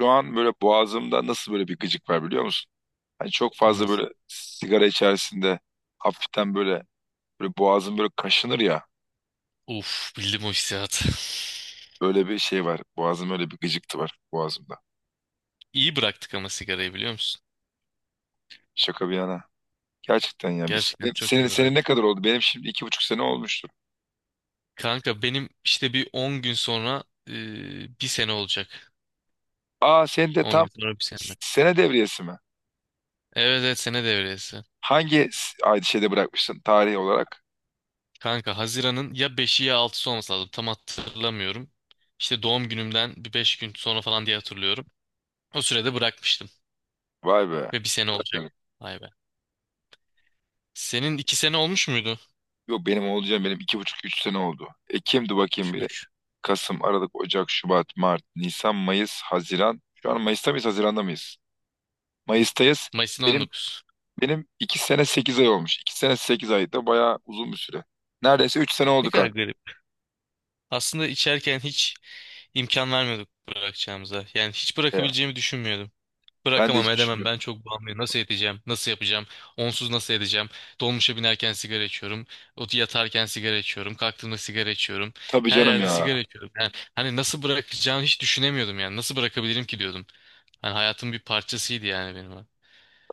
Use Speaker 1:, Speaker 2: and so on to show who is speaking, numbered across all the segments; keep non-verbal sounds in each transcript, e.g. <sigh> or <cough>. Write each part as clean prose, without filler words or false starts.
Speaker 1: Şu an böyle boğazımda nasıl böyle bir gıcık var biliyor musun? Hani çok fazla
Speaker 2: Nasıl?
Speaker 1: böyle sigara içerisinde hafiften böyle boğazım böyle kaşınır ya.
Speaker 2: Uf, bildim o hissiyatı. <laughs>
Speaker 1: Böyle bir şey var. Boğazım öyle bir gıcıktı var boğazımda.
Speaker 2: İyi bıraktık ama sigarayı biliyor musun?
Speaker 1: Şaka bir yana. Gerçekten ya biz
Speaker 2: Gerçekten çok
Speaker 1: senin
Speaker 2: iyi
Speaker 1: senin ne
Speaker 2: bıraktık.
Speaker 1: kadar oldu? Benim şimdi 2,5 sene olmuştur.
Speaker 2: Kanka benim işte bir 10 gün sonra bir sene olacak.
Speaker 1: Aa, sen de
Speaker 2: 10
Speaker 1: tam
Speaker 2: gün sonra bir sene.
Speaker 1: sene devriyesi mi?
Speaker 2: Evet, evet, sene devresi.
Speaker 1: Hangi ay şeyde bırakmışsın tarih olarak?
Speaker 2: Kanka Haziran'ın ya beşi ya altısı olması lazım. Tam hatırlamıyorum. İşte doğum günümden bir 5 gün sonra falan diye hatırlıyorum. O sürede bırakmıştım.
Speaker 1: Vay be.
Speaker 2: Ve bir sene olacak.
Speaker 1: Bakalım.
Speaker 2: Vay be. Senin 2 sene olmuş muydu?
Speaker 1: Yok, benim benim 2,5-3 sene oldu. Ekim'di bakayım.
Speaker 2: 3.
Speaker 1: Kasım, Aralık, Ocak, Şubat, Mart, Nisan, Mayıs, Haziran. Şu an Mayıs'ta mıyız, Haziran'da mıyız? Mayıs'tayız.
Speaker 2: Mayıs'ın
Speaker 1: Benim
Speaker 2: 19.
Speaker 1: benim 2 sene 8 ay olmuş. 2 sene 8 ay da bayağı uzun bir süre. Neredeyse 3 sene
Speaker 2: Ne
Speaker 1: oldu
Speaker 2: kadar
Speaker 1: kanka.
Speaker 2: garip. Aslında içerken hiç İmkan vermiyorduk bırakacağımıza. Yani hiç
Speaker 1: Ya,
Speaker 2: bırakabileceğimi düşünmüyordum.
Speaker 1: ben de
Speaker 2: Bırakamam,
Speaker 1: hiç
Speaker 2: edemem,
Speaker 1: düşünmüyorum.
Speaker 2: ben çok bağımlıyım. Nasıl edeceğim? Nasıl yapacağım? Onsuz nasıl edeceğim? Dolmuşa binerken sigara içiyorum. Yatarken sigara içiyorum. Kalktığımda sigara içiyorum.
Speaker 1: Tabii
Speaker 2: Her
Speaker 1: canım
Speaker 2: yerde sigara
Speaker 1: ya.
Speaker 2: içiyorum. Yani hani nasıl bırakacağını hiç düşünemiyordum yani. Nasıl bırakabilirim ki diyordum. Hani hayatın bir parçasıydı yani benim. O.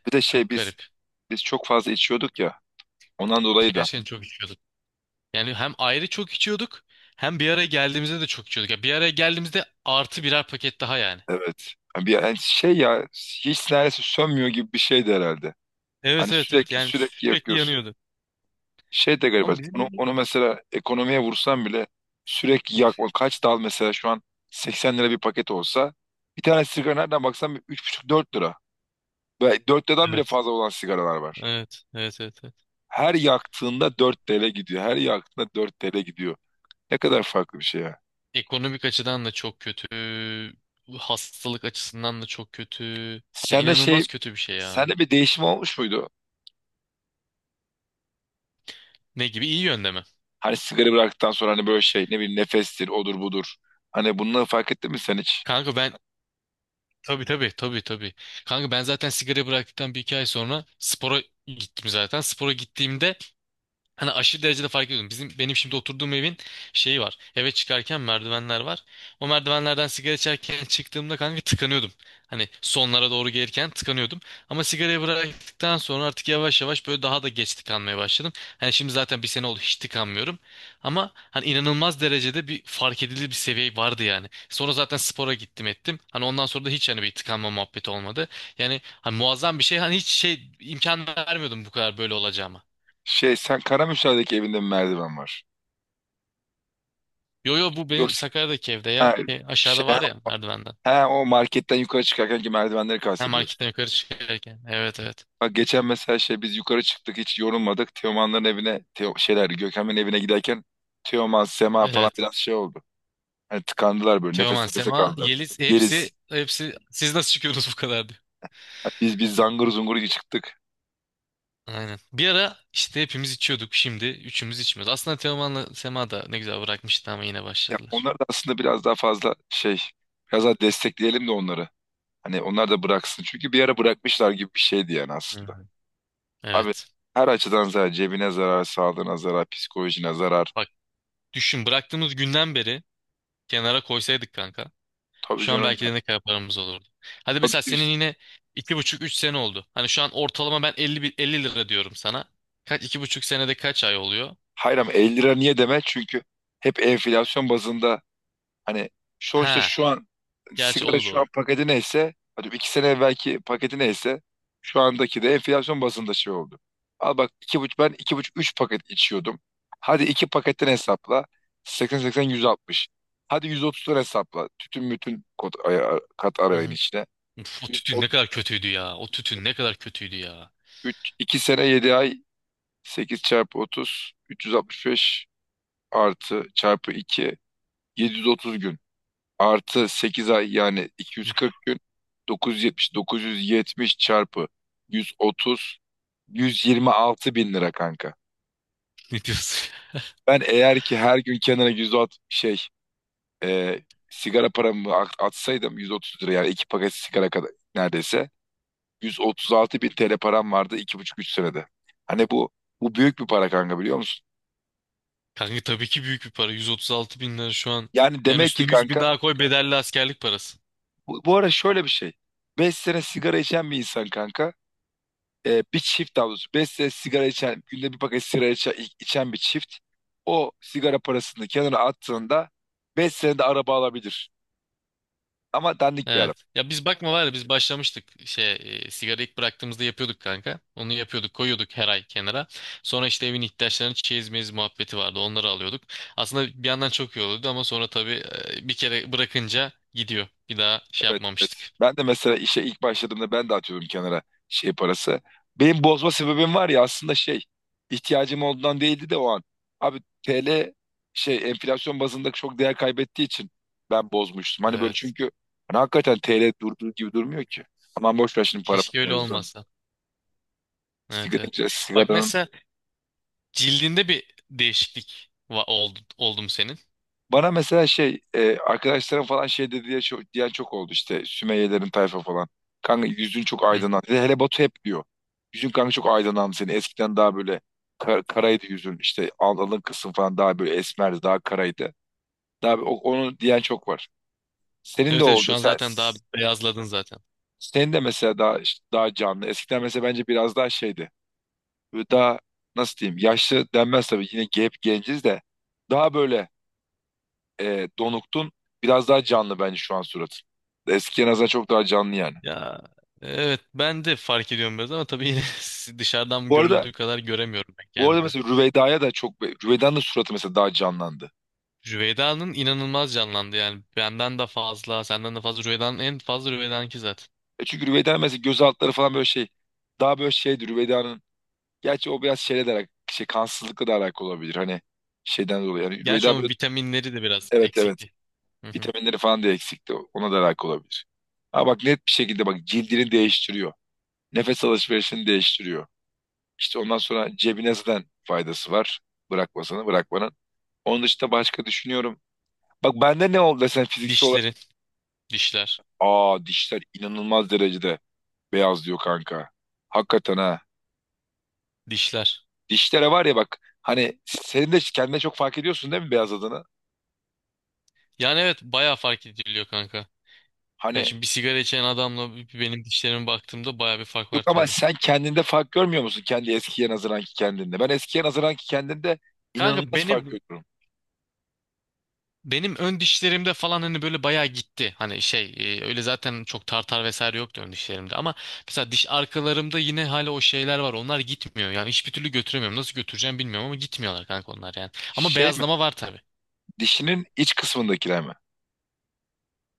Speaker 1: Bir de
Speaker 2: Çok
Speaker 1: biz
Speaker 2: garip.
Speaker 1: biz çok fazla içiyorduk ya. Ondan dolayı da
Speaker 2: Gerçekten çok içiyorduk. Yani hem ayrı çok içiyorduk hem bir araya geldiğimizde de çok içiyorduk. Ya bir araya geldiğimizde artı birer paket daha yani.
Speaker 1: evet. Yani bir yani şey ya, hiç neredeyse sönmüyor gibi bir şeydi herhalde.
Speaker 2: Evet,
Speaker 1: Hani
Speaker 2: evet, evet,
Speaker 1: sürekli
Speaker 2: yani
Speaker 1: sürekli
Speaker 2: sürekli
Speaker 1: yakıyorsun.
Speaker 2: yanıyordu.
Speaker 1: Şey de garip.
Speaker 2: Ama bizim
Speaker 1: Onu,
Speaker 2: böyle...
Speaker 1: onu mesela ekonomiye vursam bile sürekli
Speaker 2: Uf,
Speaker 1: yakma. Kaç dal mesela şu an 80 lira bir paket olsa, bir tane sigara nereden baksan bir 3,5-4 lira. Ve 4 liradan bile
Speaker 2: evet.
Speaker 1: fazla olan sigaralar var.
Speaker 2: Evet. Evet. Evet. Evet.
Speaker 1: Her yaktığında 4 TL gidiyor. Her yaktığında 4 TL gidiyor. Ne kadar farklı bir şey ya.
Speaker 2: Ekonomik açıdan da çok kötü. Hastalık açısından da çok kötü. Ya
Speaker 1: Sende şey,
Speaker 2: inanılmaz kötü bir şey ya.
Speaker 1: sende bir değişim olmuş muydu?
Speaker 2: Ne gibi? İyi yönde mi?
Speaker 1: Hani sigara bıraktıktan sonra hani böyle şey ne bileyim, nefestir, odur budur. Hani bunları fark ettin mi sen hiç?
Speaker 2: Kanka ben, tabii, tabii, tabii, tabii. Kanka ben zaten sigara bıraktıktan bir iki ay sonra spora gittim zaten. Spora gittiğimde hani aşırı derecede fark ediyordum. Bizim, benim şimdi oturduğum evin şeyi var. Eve çıkarken merdivenler var. O merdivenlerden sigara içerken çıktığımda kanka tıkanıyordum. Hani sonlara doğru gelirken tıkanıyordum. Ama sigarayı bıraktıktan sonra artık yavaş yavaş böyle daha da geç tıkanmaya başladım. Hani şimdi zaten bir sene oldu, hiç tıkanmıyorum. Ama hani inanılmaz derecede bir fark edilir bir seviye vardı yani. Sonra zaten spora gittim ettim. Hani ondan sonra da hiç hani bir tıkanma muhabbeti olmadı. Yani hani muazzam bir şey. Hani hiç şey imkan vermiyordum bu kadar böyle olacağıma.
Speaker 1: Sen Karamürsel'deki evinde mi merdiven var?
Speaker 2: Yo yo, bu benim
Speaker 1: Yoksa,
Speaker 2: Sakarya'daki evde ya.
Speaker 1: ha,
Speaker 2: Şey,
Speaker 1: şey
Speaker 2: aşağıda var ya merdivenden.
Speaker 1: Ha, o marketten yukarı çıkarken ki merdivenleri
Speaker 2: Ha,
Speaker 1: kastediyorsun.
Speaker 2: marketten yukarı çıkarken. Evet, evet.
Speaker 1: Bak geçen mesela biz yukarı çıktık, hiç yorulmadık. Teoman'ların evine, Teo, şeyler Gökhan'ın evine giderken Teoman, Sema falan
Speaker 2: Evet.
Speaker 1: biraz şey oldu. Hani tıkandılar, böyle
Speaker 2: Teoman,
Speaker 1: nefes nefese
Speaker 2: Sema,
Speaker 1: kaldı.
Speaker 2: Yeliz,
Speaker 1: Yeriz.
Speaker 2: hepsi hepsi siz nasıl çıkıyorsunuz bu kadar diyor.
Speaker 1: Hani biz zangır zungur iyi çıktık.
Speaker 2: Aynen. Bir ara işte hepimiz içiyorduk. Şimdi üçümüz içmiyoruz. Aslında Teoman'la Sema da ne güzel bırakmıştı ama yine
Speaker 1: Ya
Speaker 2: başladılar.
Speaker 1: onlar da aslında biraz daha destekleyelim de onları. Hani onlar da bıraksın. Çünkü bir ara bırakmışlar gibi bir şeydi yani
Speaker 2: Hı
Speaker 1: aslında.
Speaker 2: hı.
Speaker 1: Abi,
Speaker 2: Evet.
Speaker 1: her açıdan zarar. Cebine zarar, sağlığına zarar, psikolojine zarar.
Speaker 2: Bak, düşün, bıraktığımız günden beri kenara koysaydık kanka.
Speaker 1: Tabii
Speaker 2: Şu an
Speaker 1: canım,
Speaker 2: belki de ne kadar paramız olurdu. Hadi mesela
Speaker 1: ya.
Speaker 2: senin yine iki buçuk üç sene oldu. Hani şu an ortalama ben elli elli lira diyorum sana. Kaç 2,5 senede kaç ay oluyor?
Speaker 1: Hayır ama 50 lira niye deme? Çünkü hep enflasyon bazında, hani sonuçta
Speaker 2: Ha,
Speaker 1: şu an
Speaker 2: gerçi o
Speaker 1: sigara
Speaker 2: da
Speaker 1: şu an
Speaker 2: doğru.
Speaker 1: paketi neyse, hadi iki sene evvelki paketi neyse, şu andaki de enflasyon bazında şey oldu. Al bak, iki buçuk ben iki buçuk üç paket içiyordum. Hadi iki paketten hesapla, 80 80 160. Hadi 130'dan hesapla. Tütün bütün kod, kat
Speaker 2: Hı
Speaker 1: arayın
Speaker 2: hı.
Speaker 1: içine.
Speaker 2: Uf, o tütün
Speaker 1: 103,
Speaker 2: ne kadar kötüydü ya. O tütün ne kadar kötüydü ya.
Speaker 1: 2 sene 7 ay, 8 çarpı 30 365, artı çarpı 2 730 gün, artı 8 ay yani 240 gün, 970 970 çarpı 130 126 bin lira kanka.
Speaker 2: <laughs> Ne diyorsun?
Speaker 1: Ben eğer ki her gün kenara 160 e, sigara paramı atsaydım, 130 lira yani iki paket sigara kadar neredeyse, 136 bin TL param vardı 2,5-3 senede. Hani bu büyük bir para kanka, biliyor musun?
Speaker 2: Kanka tabii ki büyük bir para. 136 bin lira şu an.
Speaker 1: Yani
Speaker 2: Yani
Speaker 1: demek ki
Speaker 2: üstüne 100 bin
Speaker 1: kanka,
Speaker 2: daha koy, bedelli askerlik parası.
Speaker 1: bu ara şöyle bir şey. 5 sene sigara içen bir insan kanka, bir çift, daha doğrusu 5 sene sigara içen, günde bir paket sigara içen bir çift o sigara parasını kenara attığında 5 senede araba alabilir. Ama dandik bir
Speaker 2: Evet.
Speaker 1: araba.
Speaker 2: Ya biz, bakma var ya, biz başlamıştık şey, sigara ilk bıraktığımızda yapıyorduk kanka. Onu yapıyorduk, koyuyorduk her ay kenara. Sonra işte evin ihtiyaçlarını, çeyiz meyiz muhabbeti vardı, onları alıyorduk. Aslında bir yandan çok iyi oluyordu ama sonra tabii bir kere bırakınca gidiyor. Bir daha şey
Speaker 1: Evet, evet.
Speaker 2: yapmamıştık.
Speaker 1: Ben de mesela işe ilk başladığımda ben de atıyordum kenara şey parası. Benim bozma sebebim var ya aslında, şey, ihtiyacım olduğundan değildi de o an. Abi, TL şey enflasyon bazında çok değer kaybettiği için ben bozmuştum. Hani böyle,
Speaker 2: Evet.
Speaker 1: çünkü hani hakikaten TL durduğu gibi durmuyor ki. Aman boş ver şimdi para
Speaker 2: Keşke öyle
Speaker 1: mevzudan.
Speaker 2: olmasa. Evet, evet.
Speaker 1: Sigara,
Speaker 2: Bak
Speaker 1: sigara.
Speaker 2: mesela, cildinde bir değişiklik oldu, oldu mu senin?
Speaker 1: Bana mesela arkadaşlarım falan şey dedi diye çok, diyen çok oldu işte, Sümeyyelerin tayfa falan. Kanka yüzün çok aydınlandı. Hele hele Batu hep diyor. Yüzün kanka çok aydınlandı senin. Eskiden daha böyle karaydı yüzün. İşte alın kısım falan daha böyle esmerdi, daha karaydı. Daha onu diyen çok var. Senin de
Speaker 2: Evet, evet, şu
Speaker 1: oldu.
Speaker 2: an
Speaker 1: Sen
Speaker 2: zaten daha beyazladın zaten.
Speaker 1: senin de mesela daha işte daha canlı. Eskiden mesela bence biraz daha şeydi. Böyle daha, nasıl diyeyim, yaşlı denmez tabii, yine hep genciz de, daha böyle Donukt'un biraz daha canlı bence şu an suratı. Eskiye nazaran çok daha canlı yani.
Speaker 2: Ya evet, ben de fark ediyorum biraz ama tabii yine <laughs> dışarıdan
Speaker 1: Bu arada
Speaker 2: görüldüğü kadar göremiyorum ben
Speaker 1: bu arada
Speaker 2: kendimde.
Speaker 1: mesela Rüveyda'ya da çok, Rüveyda'nın da suratı mesela daha canlandı.
Speaker 2: Rüveyda'nın inanılmaz canlandı, yani benden de fazla, senden de fazla, Rüveyda'nın en fazla, Rüveyda'nınki zaten.
Speaker 1: E çünkü Rüveyda mesela göz altları falan böyle şey, daha böyle şeydi Rüveyda'nın. Gerçi o biraz şeyle de kansızlıkla da alakalı olabilir. Hani şeyden dolayı. Yani
Speaker 2: Gerçi
Speaker 1: Rüveyda
Speaker 2: onun
Speaker 1: böyle,
Speaker 2: vitaminleri de biraz
Speaker 1: evet evet,
Speaker 2: eksikti. Hı hı.
Speaker 1: vitaminleri falan da eksikti. Ona da alakalı olabilir. Ha bak, net bir şekilde bak cildini değiştiriyor. Nefes alışverişini değiştiriyor. İşte ondan sonra cebine zaten faydası var. Bırakmasana, bırakmanın. Onun dışında başka düşünüyorum. Bak bende ne oldu desen fiziksel olarak.
Speaker 2: Dişleri, dişler,
Speaker 1: Aa, dişler inanılmaz derecede beyazlıyor kanka. Hakikaten ha.
Speaker 2: dişler.
Speaker 1: Dişlere var ya bak, hani senin de kendine çok fark ediyorsun değil mi beyazladığını?
Speaker 2: Yani evet, bayağı fark ediliyor kanka. Ya
Speaker 1: Hani
Speaker 2: şimdi bir sigara içen adamla benim dişlerime baktığımda bayağı bir fark
Speaker 1: yok
Speaker 2: var
Speaker 1: ama
Speaker 2: tabii.
Speaker 1: sen kendinde fark görmüyor musun kendi eskiye nazaranki kendinde? Ben eskiye nazaranki kendinde
Speaker 2: Kanka
Speaker 1: inanılmaz fark
Speaker 2: benim,
Speaker 1: görüyorum.
Speaker 2: benim ön dişlerimde falan hani böyle bayağı gitti. Hani şey, öyle zaten çok tartar vesaire yoktu ön dişlerimde ama mesela diş arkalarımda yine hala o şeyler var. Onlar gitmiyor. Yani hiçbir türlü götüremiyorum. Nasıl götüreceğim bilmiyorum ama gitmiyorlar kanka onlar yani. Ama
Speaker 1: Şey mi?
Speaker 2: beyazlama var tabii.
Speaker 1: Dişinin iç kısmındakiler mi?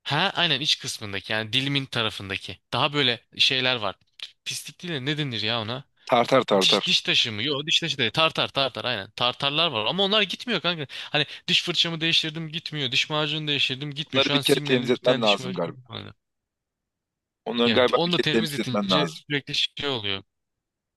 Speaker 2: Ha aynen, iç kısmındaki, yani dilimin tarafındaki. Daha böyle şeyler var. Pislik değil de ne denir ya ona?
Speaker 1: Tartar, tartar.
Speaker 2: Diş, diş taşı mı? Yok, diş taşı değil. Tartar, tartar aynen. Tartarlar var ama onlar gitmiyor kanka. Hani diş fırçamı değiştirdim gitmiyor. Diş macunu değiştirdim gitmiyor.
Speaker 1: Bunları
Speaker 2: Şu
Speaker 1: bir
Speaker 2: an
Speaker 1: kere
Speaker 2: signalin bir
Speaker 1: temizletmen
Speaker 2: tane diş
Speaker 1: lazım galiba.
Speaker 2: macunu.
Speaker 1: Onların
Speaker 2: Ya
Speaker 1: galiba bir
Speaker 2: onu da
Speaker 1: kere temizletmen
Speaker 2: temizletince
Speaker 1: lazım.
Speaker 2: sürekli şey oluyor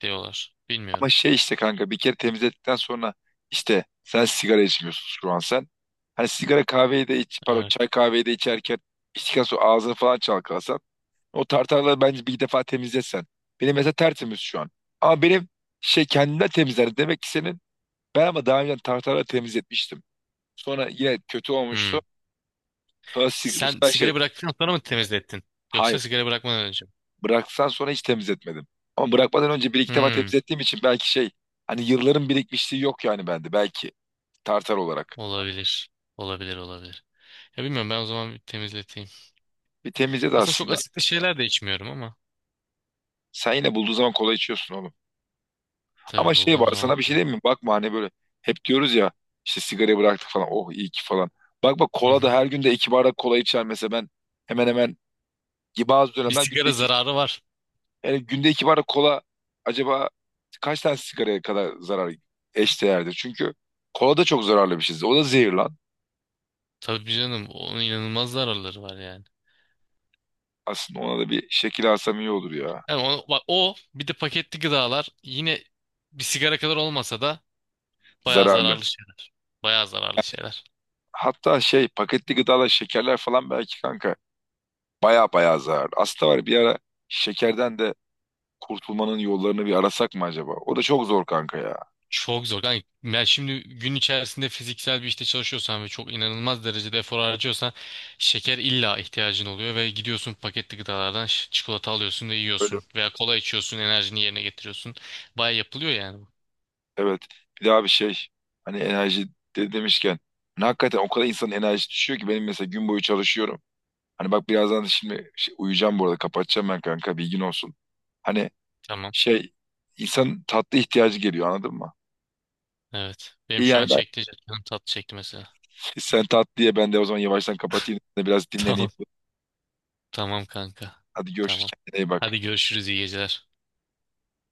Speaker 2: diyorlar. Bilmiyorum.
Speaker 1: Ama şey işte kanka, bir kere temizlettikten sonra, işte sen sigara içmiyorsun şu an sen. Hani sigara kahveyi de iç, pardon,
Speaker 2: Evet.
Speaker 1: çay kahveyi de içerken, içtikten sonra ağzını falan çalkalasan. O tartarları bence bir defa temizlesen. Benim mesela tertemiz şu an. Ama benim şey kendinden temizler. Demek ki senin, ben ama daha önce tartarları temizletmiştim. Sonra yine kötü
Speaker 2: Hmm.
Speaker 1: olmuştu. Sonra sig- bu
Speaker 2: Sen
Speaker 1: sefer şey
Speaker 2: sigara bıraktıktan sonra mı temizlettin?
Speaker 1: hay
Speaker 2: Yoksa sigara bırakmadan önce mi?
Speaker 1: bıraksan sonra hiç temizletmedim. Ama bırakmadan önce bir iki defa
Speaker 2: Hmm.
Speaker 1: temizlettiğim için belki şey, hani yılların birikmişliği yok yani bende belki tartar olarak.
Speaker 2: Olabilir. Olabilir, olabilir. Ya bilmiyorum, ben o zaman bir temizleteyim.
Speaker 1: Bir temizle de
Speaker 2: Aslında çok
Speaker 1: aslında.
Speaker 2: asitli şeyler de içmiyorum ama
Speaker 1: Sen yine bulduğun zaman kola içiyorsun oğlum. Ama
Speaker 2: tabii
Speaker 1: şey
Speaker 2: bulduğum
Speaker 1: var,
Speaker 2: zaman.
Speaker 1: sana bir şey
Speaker 2: Hı
Speaker 1: diyeyim mi? Bakma hani böyle hep diyoruz ya, işte sigarayı bıraktık falan, oh iyi ki falan. Bak bak, kola
Speaker 2: hı.
Speaker 1: da, her günde iki bardak kola içer mesela ben, hemen hemen bazı
Speaker 2: Bir
Speaker 1: dönemler günde
Speaker 2: sigara
Speaker 1: iki,
Speaker 2: zararı var.
Speaker 1: yani günde iki bardak kola acaba kaç tane sigaraya kadar zarar eşdeğerdir? Çünkü kola da çok zararlı bir şey. O da zehir lan.
Speaker 2: Tabii canım, onun inanılmaz zararları var yani.
Speaker 1: Aslında ona da bir şekil alsam iyi olur ya.
Speaker 2: Yani o, bak, o bir de paketli gıdalar yine bir sigara kadar olmasa da bayağı
Speaker 1: Zararlı.
Speaker 2: zararlı şeyler. Bayağı zararlı şeyler.
Speaker 1: Hatta şey paketli gıdalar, şekerler falan belki kanka baya baya zararlı. Aslında var ya, bir ara şekerden de kurtulmanın yollarını bir arasak mı acaba? O da çok zor kanka ya.
Speaker 2: Çok zor. Yani, yani şimdi gün içerisinde fiziksel bir işte çalışıyorsan ve çok inanılmaz derecede efor harcıyorsan şeker illa ihtiyacın oluyor ve gidiyorsun paketli gıdalardan çikolata alıyorsun ve
Speaker 1: Böyle
Speaker 2: yiyorsun veya kola içiyorsun, enerjini yerine getiriyorsun. Baya yapılıyor yani bu.
Speaker 1: evet. Bir daha bir şey, hani enerji de demişken, hani hakikaten o kadar insanın enerjisi düşüyor ki, benim mesela gün boyu çalışıyorum. Hani bak, birazdan da şimdi uyuyacağım, bu arada kapatacağım ben kanka bilgin olsun. Hani
Speaker 2: Tamam.
Speaker 1: şey insanın tatlı ihtiyacı geliyor, anladın mı?
Speaker 2: Evet. Benim
Speaker 1: İyi
Speaker 2: şu an
Speaker 1: yani ben.
Speaker 2: çekti. Canım tatlı çekti mesela.
Speaker 1: Sen tat diye ben de o zaman yavaştan kapatayım. Biraz
Speaker 2: <laughs>
Speaker 1: dinleneyim.
Speaker 2: Tamam. Tamam kanka.
Speaker 1: Hadi görüşürüz.
Speaker 2: Tamam.
Speaker 1: Kendine iyi bak.
Speaker 2: Hadi görüşürüz, iyi geceler.